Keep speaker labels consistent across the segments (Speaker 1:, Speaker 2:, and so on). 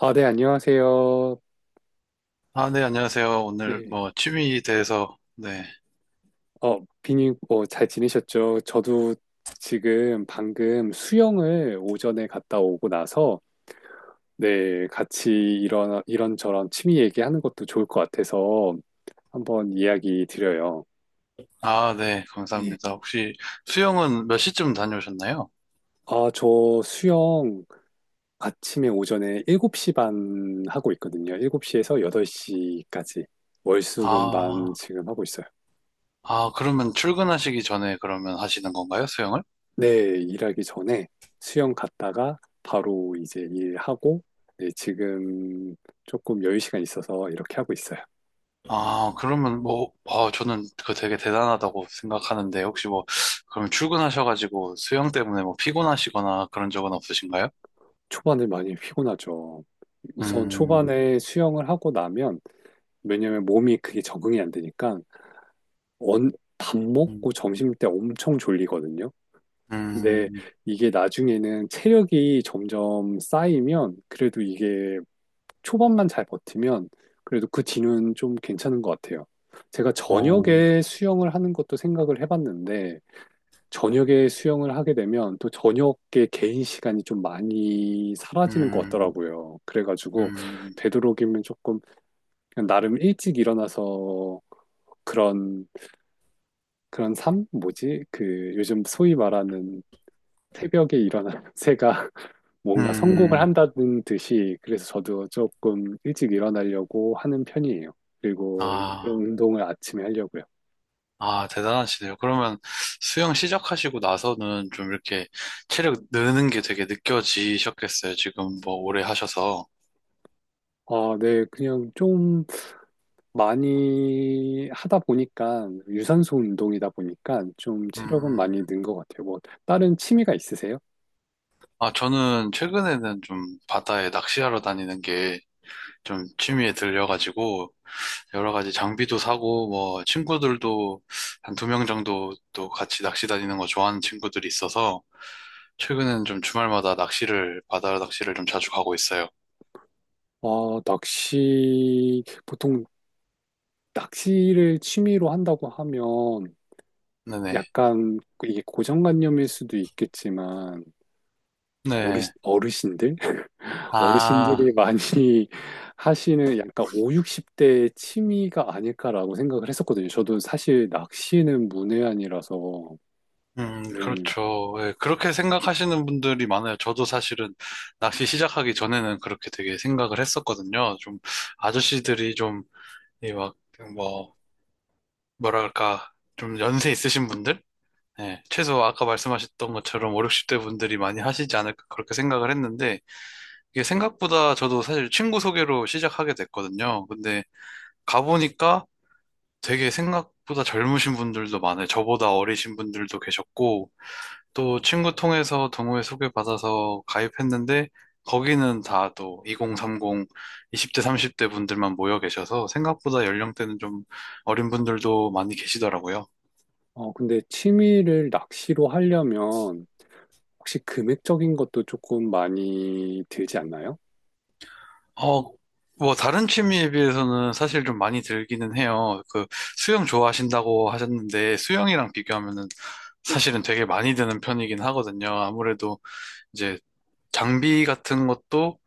Speaker 1: 아, 네, 안녕하세요.
Speaker 2: 아, 네, 안녕하세요. 오늘
Speaker 1: 네.
Speaker 2: 뭐 취미에 대해서, 네.
Speaker 1: 비님, 뭐, 잘 지내셨죠? 저도 지금 방금 수영을 오전에 갔다 오고 나서, 네, 같이 이런저런 취미 얘기하는 것도 좋을 것 같아서 한번 이야기 드려요.
Speaker 2: 아, 네,
Speaker 1: 네.
Speaker 2: 감사합니다. 혹시 수영은 몇 시쯤 다녀오셨나요?
Speaker 1: 아, 저 수영 아침에 오전에 7시 반 하고 있거든요. 7시에서 8시까지. 월수금 반
Speaker 2: 아,
Speaker 1: 지금 하고 있어요.
Speaker 2: 아, 그러면 출근하시기 전에 그러면 하시는 건가요, 수영을?
Speaker 1: 네, 일하기 전에 수영 갔다가 바로 이제 일하고, 네, 지금 조금 여유 시간 있어서 이렇게 하고 있어요.
Speaker 2: 아, 그러면 뭐, 아, 저는 그 되게 대단하다고 생각하는데, 혹시 뭐, 그럼 출근하셔가지고 수영 때문에 뭐 피곤하시거나 그런 적은 없으신가요?
Speaker 1: 초반에 많이 피곤하죠. 우선
Speaker 2: 음.
Speaker 1: 초반에 수영을 하고 나면, 왜냐면 몸이 그게 적응이 안 되니까, 언, 밥 먹고
Speaker 2: 음.
Speaker 1: 점심 때 엄청 졸리거든요. 근데
Speaker 2: 음.
Speaker 1: 이게 나중에는 체력이 점점 쌓이면, 그래도 이게 초반만 잘 버티면 그래도 그 뒤는 좀 괜찮은 것 같아요. 제가
Speaker 2: 어.
Speaker 1: 저녁에 수영을 하는 것도 생각을 해봤는데 저녁에 수영을 하게 되면 또 저녁에 개인 시간이 좀 많이 사라지는 것
Speaker 2: 음.
Speaker 1: 같더라고요. 그래가지고
Speaker 2: 음.
Speaker 1: 되도록이면 조금 그냥 나름 일찍 일어나서 그런 그런 삶 뭐지? 그 요즘 소위 말하는 새벽에 일어나는 새가 뭔가 성공을
Speaker 2: 음.
Speaker 1: 한다는 듯이 그래서 저도 조금 일찍 일어나려고 하는 편이에요. 그리고 그런
Speaker 2: 아.
Speaker 1: 운동을 아침에 하려고요.
Speaker 2: 아, 대단하시네요. 그러면 수영 시작하시고 나서는 좀 이렇게 체력 느는 게 되게 느껴지셨겠어요. 지금 뭐 오래 하셔서.
Speaker 1: 아, 네, 그냥 좀 많이 하다 보니까 유산소 운동이다 보니까 좀 체력은
Speaker 2: 음.
Speaker 1: 많이 는 것 같아요. 뭐 다른 취미가 있으세요?
Speaker 2: 아, 저는 최근에는 좀 바다에 낚시하러 다니는 게 좀 취미에 들려가지고 여러 가지 장비도 사고 뭐 친구들도 한 두 명 정도 또 같이 낚시 다니는 거 좋아하는 친구들이 있어서 최근에는 좀 주말마다 낚시를, 바다 낚시를 좀 자주 가고 있어요.
Speaker 1: 아, 낚시 보통 낚시를 취미로 한다고 하면
Speaker 2: 네네.
Speaker 1: 약간 이게 고정관념일 수도 있겠지만
Speaker 2: 네.
Speaker 1: 어르신들?
Speaker 2: 아.
Speaker 1: 어르신들이 많이 하시는 약간 5, 60대의 취미가 아닐까라고 생각을 했었거든요. 저도 사실 낚시는 문외한이라서. 네.
Speaker 2: 그렇죠. 예, 그렇게 생각하시는 분들이 많아요. 저도 사실은 낚시 시작하기 전에는 그렇게 되게 생각을 했었거든요. 좀 아저씨들이 좀, 이 막, 뭐, 뭐랄까, 좀 연세 있으신 분들? 예, 최소 아까 말씀하셨던 것처럼 5, 60대 분들이 많이 하시지 않을까 그렇게 생각을 했는데, 이게 생각보다 저도 사실 친구 소개로 시작하게 됐거든요. 근데 가보니까 되게 생각보다 젊으신 분들도 많아요. 저보다 어리신 분들도 계셨고, 또 친구 통해서 동호회 소개받아서 가입했는데 거기는 다 또 2030, 20대, 30대 분들만 모여 계셔서 생각보다 연령대는 좀 어린 분들도 많이 계시더라고요.
Speaker 1: 근데 취미를 낚시로 하려면 혹시 금액적인 것도 조금 많이 들지 않나요?
Speaker 2: 어, 뭐 다른 취미에 비해서는 사실 좀 많이 들기는 해요. 그 수영 좋아하신다고 하셨는데 수영이랑 비교하면은 사실은 되게 많이 드는 편이긴 하거든요. 아무래도 이제 장비 같은 것도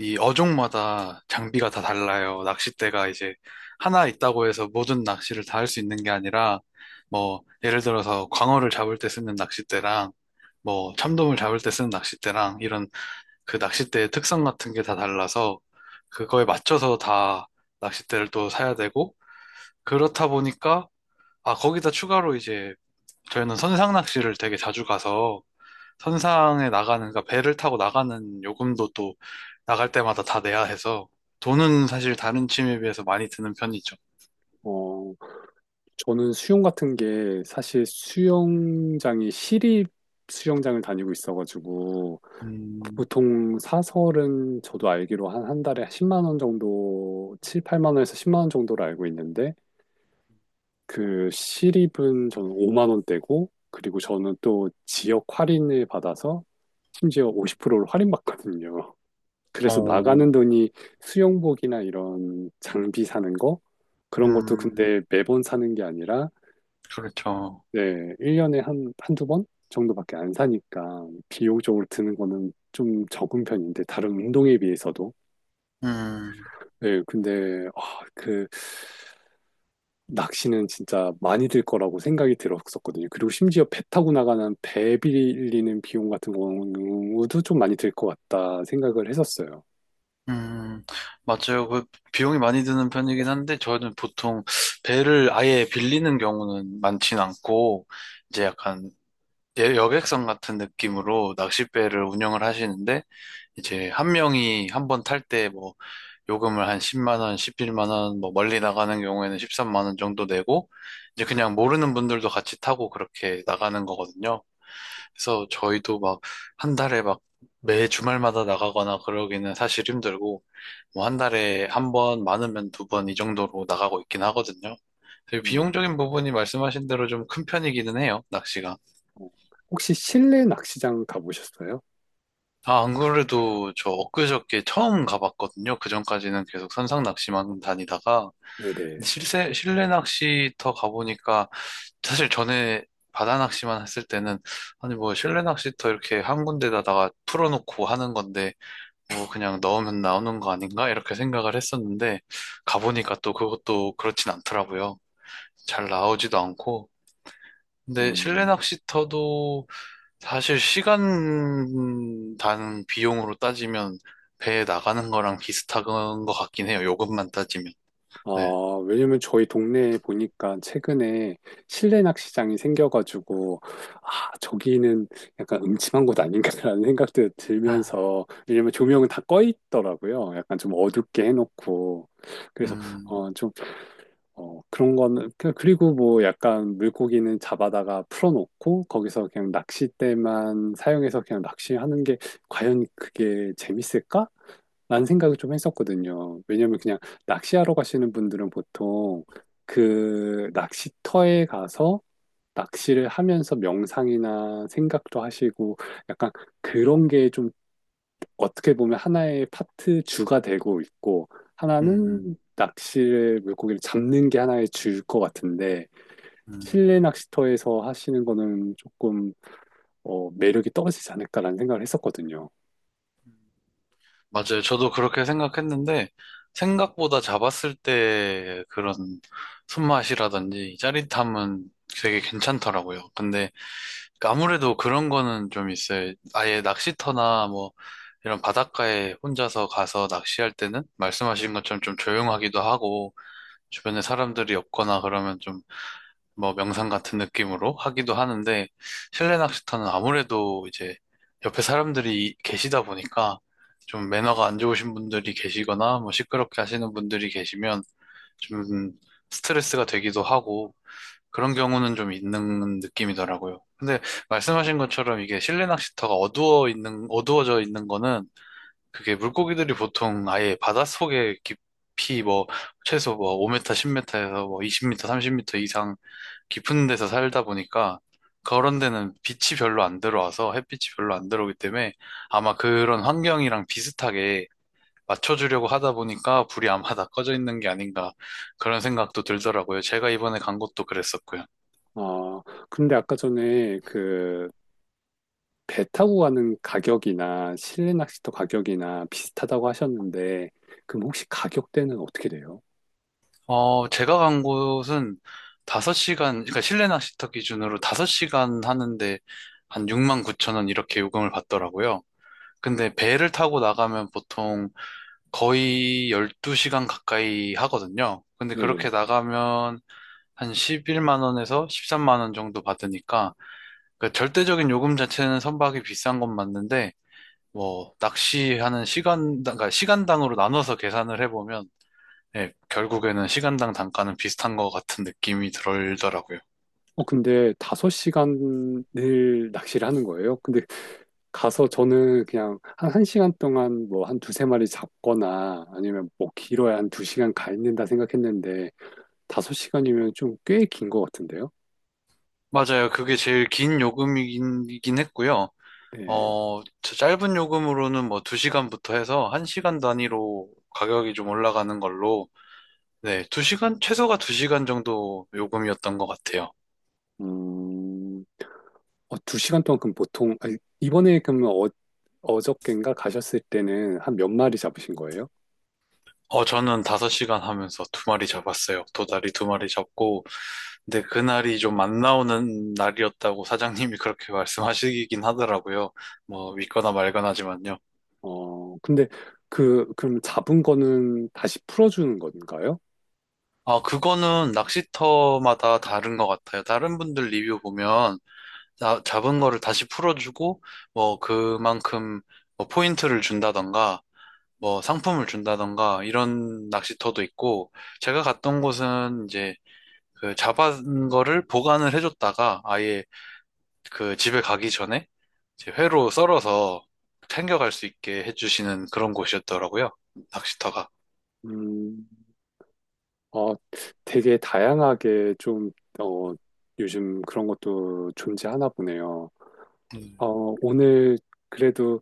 Speaker 2: 이 어종마다 장비가 다 달라요. 낚싯대가 이제 하나 있다고 해서 모든 낚시를 다 할 수 있는 게 아니라, 뭐, 예를 들어서 광어를 잡을 때 쓰는 낚싯대랑, 뭐, 참돔을 잡을 때 쓰는 낚싯대랑, 이런 그 낚싯대의 특성 같은 게 다 달라서, 그거에 맞춰서 다 낚싯대를 또 사야 되고, 그렇다 보니까, 아, 거기다 추가로 이제, 저희는 선상 낚시를 되게 자주 가서, 선상에 나가는, 그러니까 배를 타고 나가는 요금도 또 나갈 때마다 다 내야 해서 돈은 사실 다른 취미에 비해서 많이 드는 편이죠.
Speaker 1: 어, 저는 수영 같은 게 사실 수영장이 시립 수영장을 다니고 있어가지고
Speaker 2: 음.
Speaker 1: 보통 사설은 저도 알기로 한, 한 달에 10만 원 정도, 7, 8만 원에서 10만 원 정도로 알고 있는데, 그 시립은 저는 5만 원대고, 그리고 저는 또 지역 할인을 받아서 심지어 50%를 할인받거든요. 그래서
Speaker 2: 어.
Speaker 1: 나가는 돈이 수영복이나 이런 장비 사는 거, 그런 것도
Speaker 2: 음,
Speaker 1: 근데 매번 사는 게 아니라,
Speaker 2: 그렇죠.
Speaker 1: 네, 1년에 한, 한두 번 정도밖에 안 사니까 비용적으로 드는 거는 좀 적은 편인데, 다른 운동에 비해서도.
Speaker 2: 음.
Speaker 1: 네, 근데, 아, 그, 낚시는 진짜 많이 들 거라고 생각이 들었었거든요. 그리고 심지어 배 타고 나가는 배 빌리는 비용 같은 경우도 좀 많이 들 것 같다 생각을 했었어요.
Speaker 2: 음, 맞아요. 그 비용이 많이 드는 편이긴 한데 저는 보통 배를 아예 빌리는 경우는 많진 않고 이제 약간 여객선 같은 느낌으로 낚싯배를 운영을 하시는데 이제 한 명이 한 번 탈때뭐 요금을 한 10만 원, 11만 원, 뭐 멀리 나가는 경우에는 13만 원 정도 내고 이제 그냥 모르는 분들도 같이 타고 그렇게 나가는 거거든요. 그래서 저희도 막 한 달에 막 매 주말마다 나가거나 그러기는 사실 힘들고 뭐 한 달에 한 번, 많으면 2번 이 정도로 나가고 있긴 하거든요. 그래서
Speaker 1: 음,
Speaker 2: 비용적인 부분이 말씀하신 대로 좀 큰 편이기는 해요, 낚시가.
Speaker 1: 어, 혹시 실내 낚시장 가보셨어요?
Speaker 2: 아, 안 그래도 저 엊그저께 처음 가봤거든요. 그전까지는 계속 선상 낚시만 다니다가
Speaker 1: 네네.
Speaker 2: 실내 낚시터 가보니까 사실 전에 바다 낚시만 했을 때는 아니 뭐 실내 낚시터 이렇게 한 군데다가 풀어놓고 하는 건데 뭐 그냥 넣으면 나오는 거 아닌가 이렇게 생각을 했었는데 가보니까 또 그것도 그렇진 않더라고요. 잘 나오지도 않고 근데 실내
Speaker 1: 음,
Speaker 2: 낚시터도 사실 시간 단 비용으로 따지면 배에 나가는 거랑 비슷한 것 같긴 해요. 요금만 따지면.
Speaker 1: 아,
Speaker 2: 네.
Speaker 1: 왜냐면 저희 동네에 보니까 최근에 실내 낚시장이 생겨가지고, 아, 저기는 약간 음침한 곳 아닌가라는 생각도
Speaker 2: 아.
Speaker 1: 들면서, 왜냐면 조명은 다 꺼 있더라고요. 약간 좀 어둡게 해놓고. 그래서,
Speaker 2: 음.
Speaker 1: 좀 그런 거는, 그리고 뭐 약간 물고기는 잡아다가 풀어놓고 거기서 그냥 낚싯대만 사용해서 그냥 낚시하는 게 과연 그게 재밌을까? 라는 생각을 좀 했었거든요. 왜냐면 그냥 낚시하러 가시는 분들은 보통 그 낚시터에 가서 낚시를 하면서 명상이나 생각도 하시고 약간 그런 게좀 어떻게 보면 하나의 파트 주가 되고 있고
Speaker 2: 음.
Speaker 1: 하나는 낚시를 물고기를 잡는 게 하나의 주일 것 같은데
Speaker 2: 음.
Speaker 1: 실내 낚시터에서 하시는 거는 조금 매력이 떨어지지 않을까라는 생각을 했었거든요.
Speaker 2: 맞아요. 저도 그렇게 생각했는데, 생각보다 잡았을 때 그런 손맛이라든지 짜릿함은 되게 괜찮더라고요. 근데 아무래도 그런 거는 좀 있어요. 아예 낚시터나 뭐 이런 바닷가에 혼자서 가서 낚시할 때는 말씀하신 것처럼 좀 조용하기도 하고, 주변에 사람들이 없거나 그러면 좀 뭐 명상 같은 느낌으로 하기도 하는데 실내 낚시터는 아무래도 이제 옆에 사람들이 계시다 보니까 좀 매너가 안 좋으신 분들이 계시거나 뭐 시끄럽게 하시는 분들이 계시면 좀 스트레스가 되기도 하고 그런 경우는 좀 있는 느낌이더라고요. 근데 말씀하신 것처럼 이게 실내 낚시터가 어두워져 있는 거는 그게 물고기들이 보통 아예 바닷속에 깊이 뭐 최소 뭐 5m, 10m에서 뭐 20m, 30m 이상 깊은 데서 살다 보니까 그런 데는 빛이 별로 안 들어와서 햇빛이 별로 안 들어오기 때문에 아마 그런 환경이랑 비슷하게 맞춰주려고 하다 보니까 불이 아마 다 꺼져 있는 게 아닌가 그런 생각도 들더라고요. 제가 이번에 간 곳도 그랬었고요.
Speaker 1: 아, 근데 아까 전에 그 배 타고 가는 가격이나 실내 낚시터 가격이나 비슷하다고 하셨는데 그럼 혹시 가격대는 어떻게 돼요?
Speaker 2: 어, 제가 간 곳은 5시간, 그러니까 실내 낚시터 기준으로 5시간 하는데 한 6만 9천 원 이렇게 요금을 받더라고요. 근데 배를 타고 나가면 보통 거의 12시간 가까이 하거든요. 근데
Speaker 1: 네네.
Speaker 2: 그렇게 나가면 한 11만 원에서 13만 원 정도 받으니까 그 절대적인 요금 자체는 선박이 비싼 건 맞는데 뭐 낚시하는 시간 그러니까 시간당으로 나눠서 계산을 해보면 예, 결국에는 시간당 단가는 비슷한 것 같은 느낌이 들더라고요.
Speaker 1: 근데 다섯 시간을 낚시를 하는 거예요? 근데 가서 저는 그냥 한 1시간 동안 뭐 한 두세 마리 잡거나 아니면 뭐 길어야 한 2시간 가 있는다 생각했는데 5시간이면 좀 꽤 긴 것 같은데요?
Speaker 2: 맞아요. 그게 제일 긴 요금이긴 했고요.
Speaker 1: 네.
Speaker 2: 어, 저 짧은 요금으로는 뭐 2시간부터 해서 1시간 단위로 가격이 좀 올라가는 걸로 네, 2시간 최소가 2시간 정도 요금이었던 것 같아요.
Speaker 1: 음, 2시간 동안 그럼 보통, 아니, 이번에 그러면 어저껜가 가셨을 때는 한 몇 마리 잡으신 거예요?
Speaker 2: 어, 저는 5시간 하면서 2마리 잡았어요. 도다리 2마리 잡고, 근데 그날이 좀 안 나오는 날이었다고 사장님이 그렇게 말씀하시긴 하더라고요. 뭐, 믿거나 말거나지만요.
Speaker 1: 근데 그럼 잡은 거는 다시 풀어주는 건가요?
Speaker 2: 아, 그거는 낚시터마다 다른 것 같아요. 다른 분들 리뷰 보면, 잡은 거를 다시 풀어주고, 뭐, 그만큼, 뭐 포인트를 준다던가, 뭐 상품을 준다던가 이런 낚시터도 있고 제가 갔던 곳은 이제 그 잡은 거를 보관을 해줬다가 아예 그 집에 가기 전에 이제 회로 썰어서 챙겨갈 수 있게 해주시는 그런 곳이었더라고요. 낚시터가.
Speaker 1: 음, 어, 되게 다양하게 좀, 어, 요즘 그런 것도 존재하나 보네요.
Speaker 2: 음.
Speaker 1: 오늘 그래도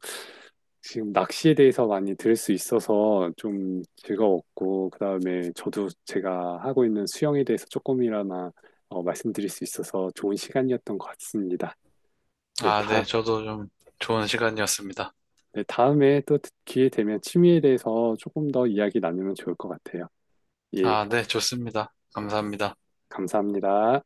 Speaker 1: 지금 낚시에 대해서 많이 들을 수 있어서 좀 즐거웠고, 그다음에 저도 제가 하고 있는 수영에 대해서 조금이나마 말씀드릴 수 있어서 좋은 시간이었던 것 같습니다. 네,
Speaker 2: 아, 네. 저도 좀 좋은 시간이었습니다.
Speaker 1: 네, 다음에 또 기회 되면 취미에 대해서 조금 더 이야기 나누면 좋을 것 같아요. 예,
Speaker 2: 아, 네. 좋습니다. 감사합니다.
Speaker 1: 감사합니다.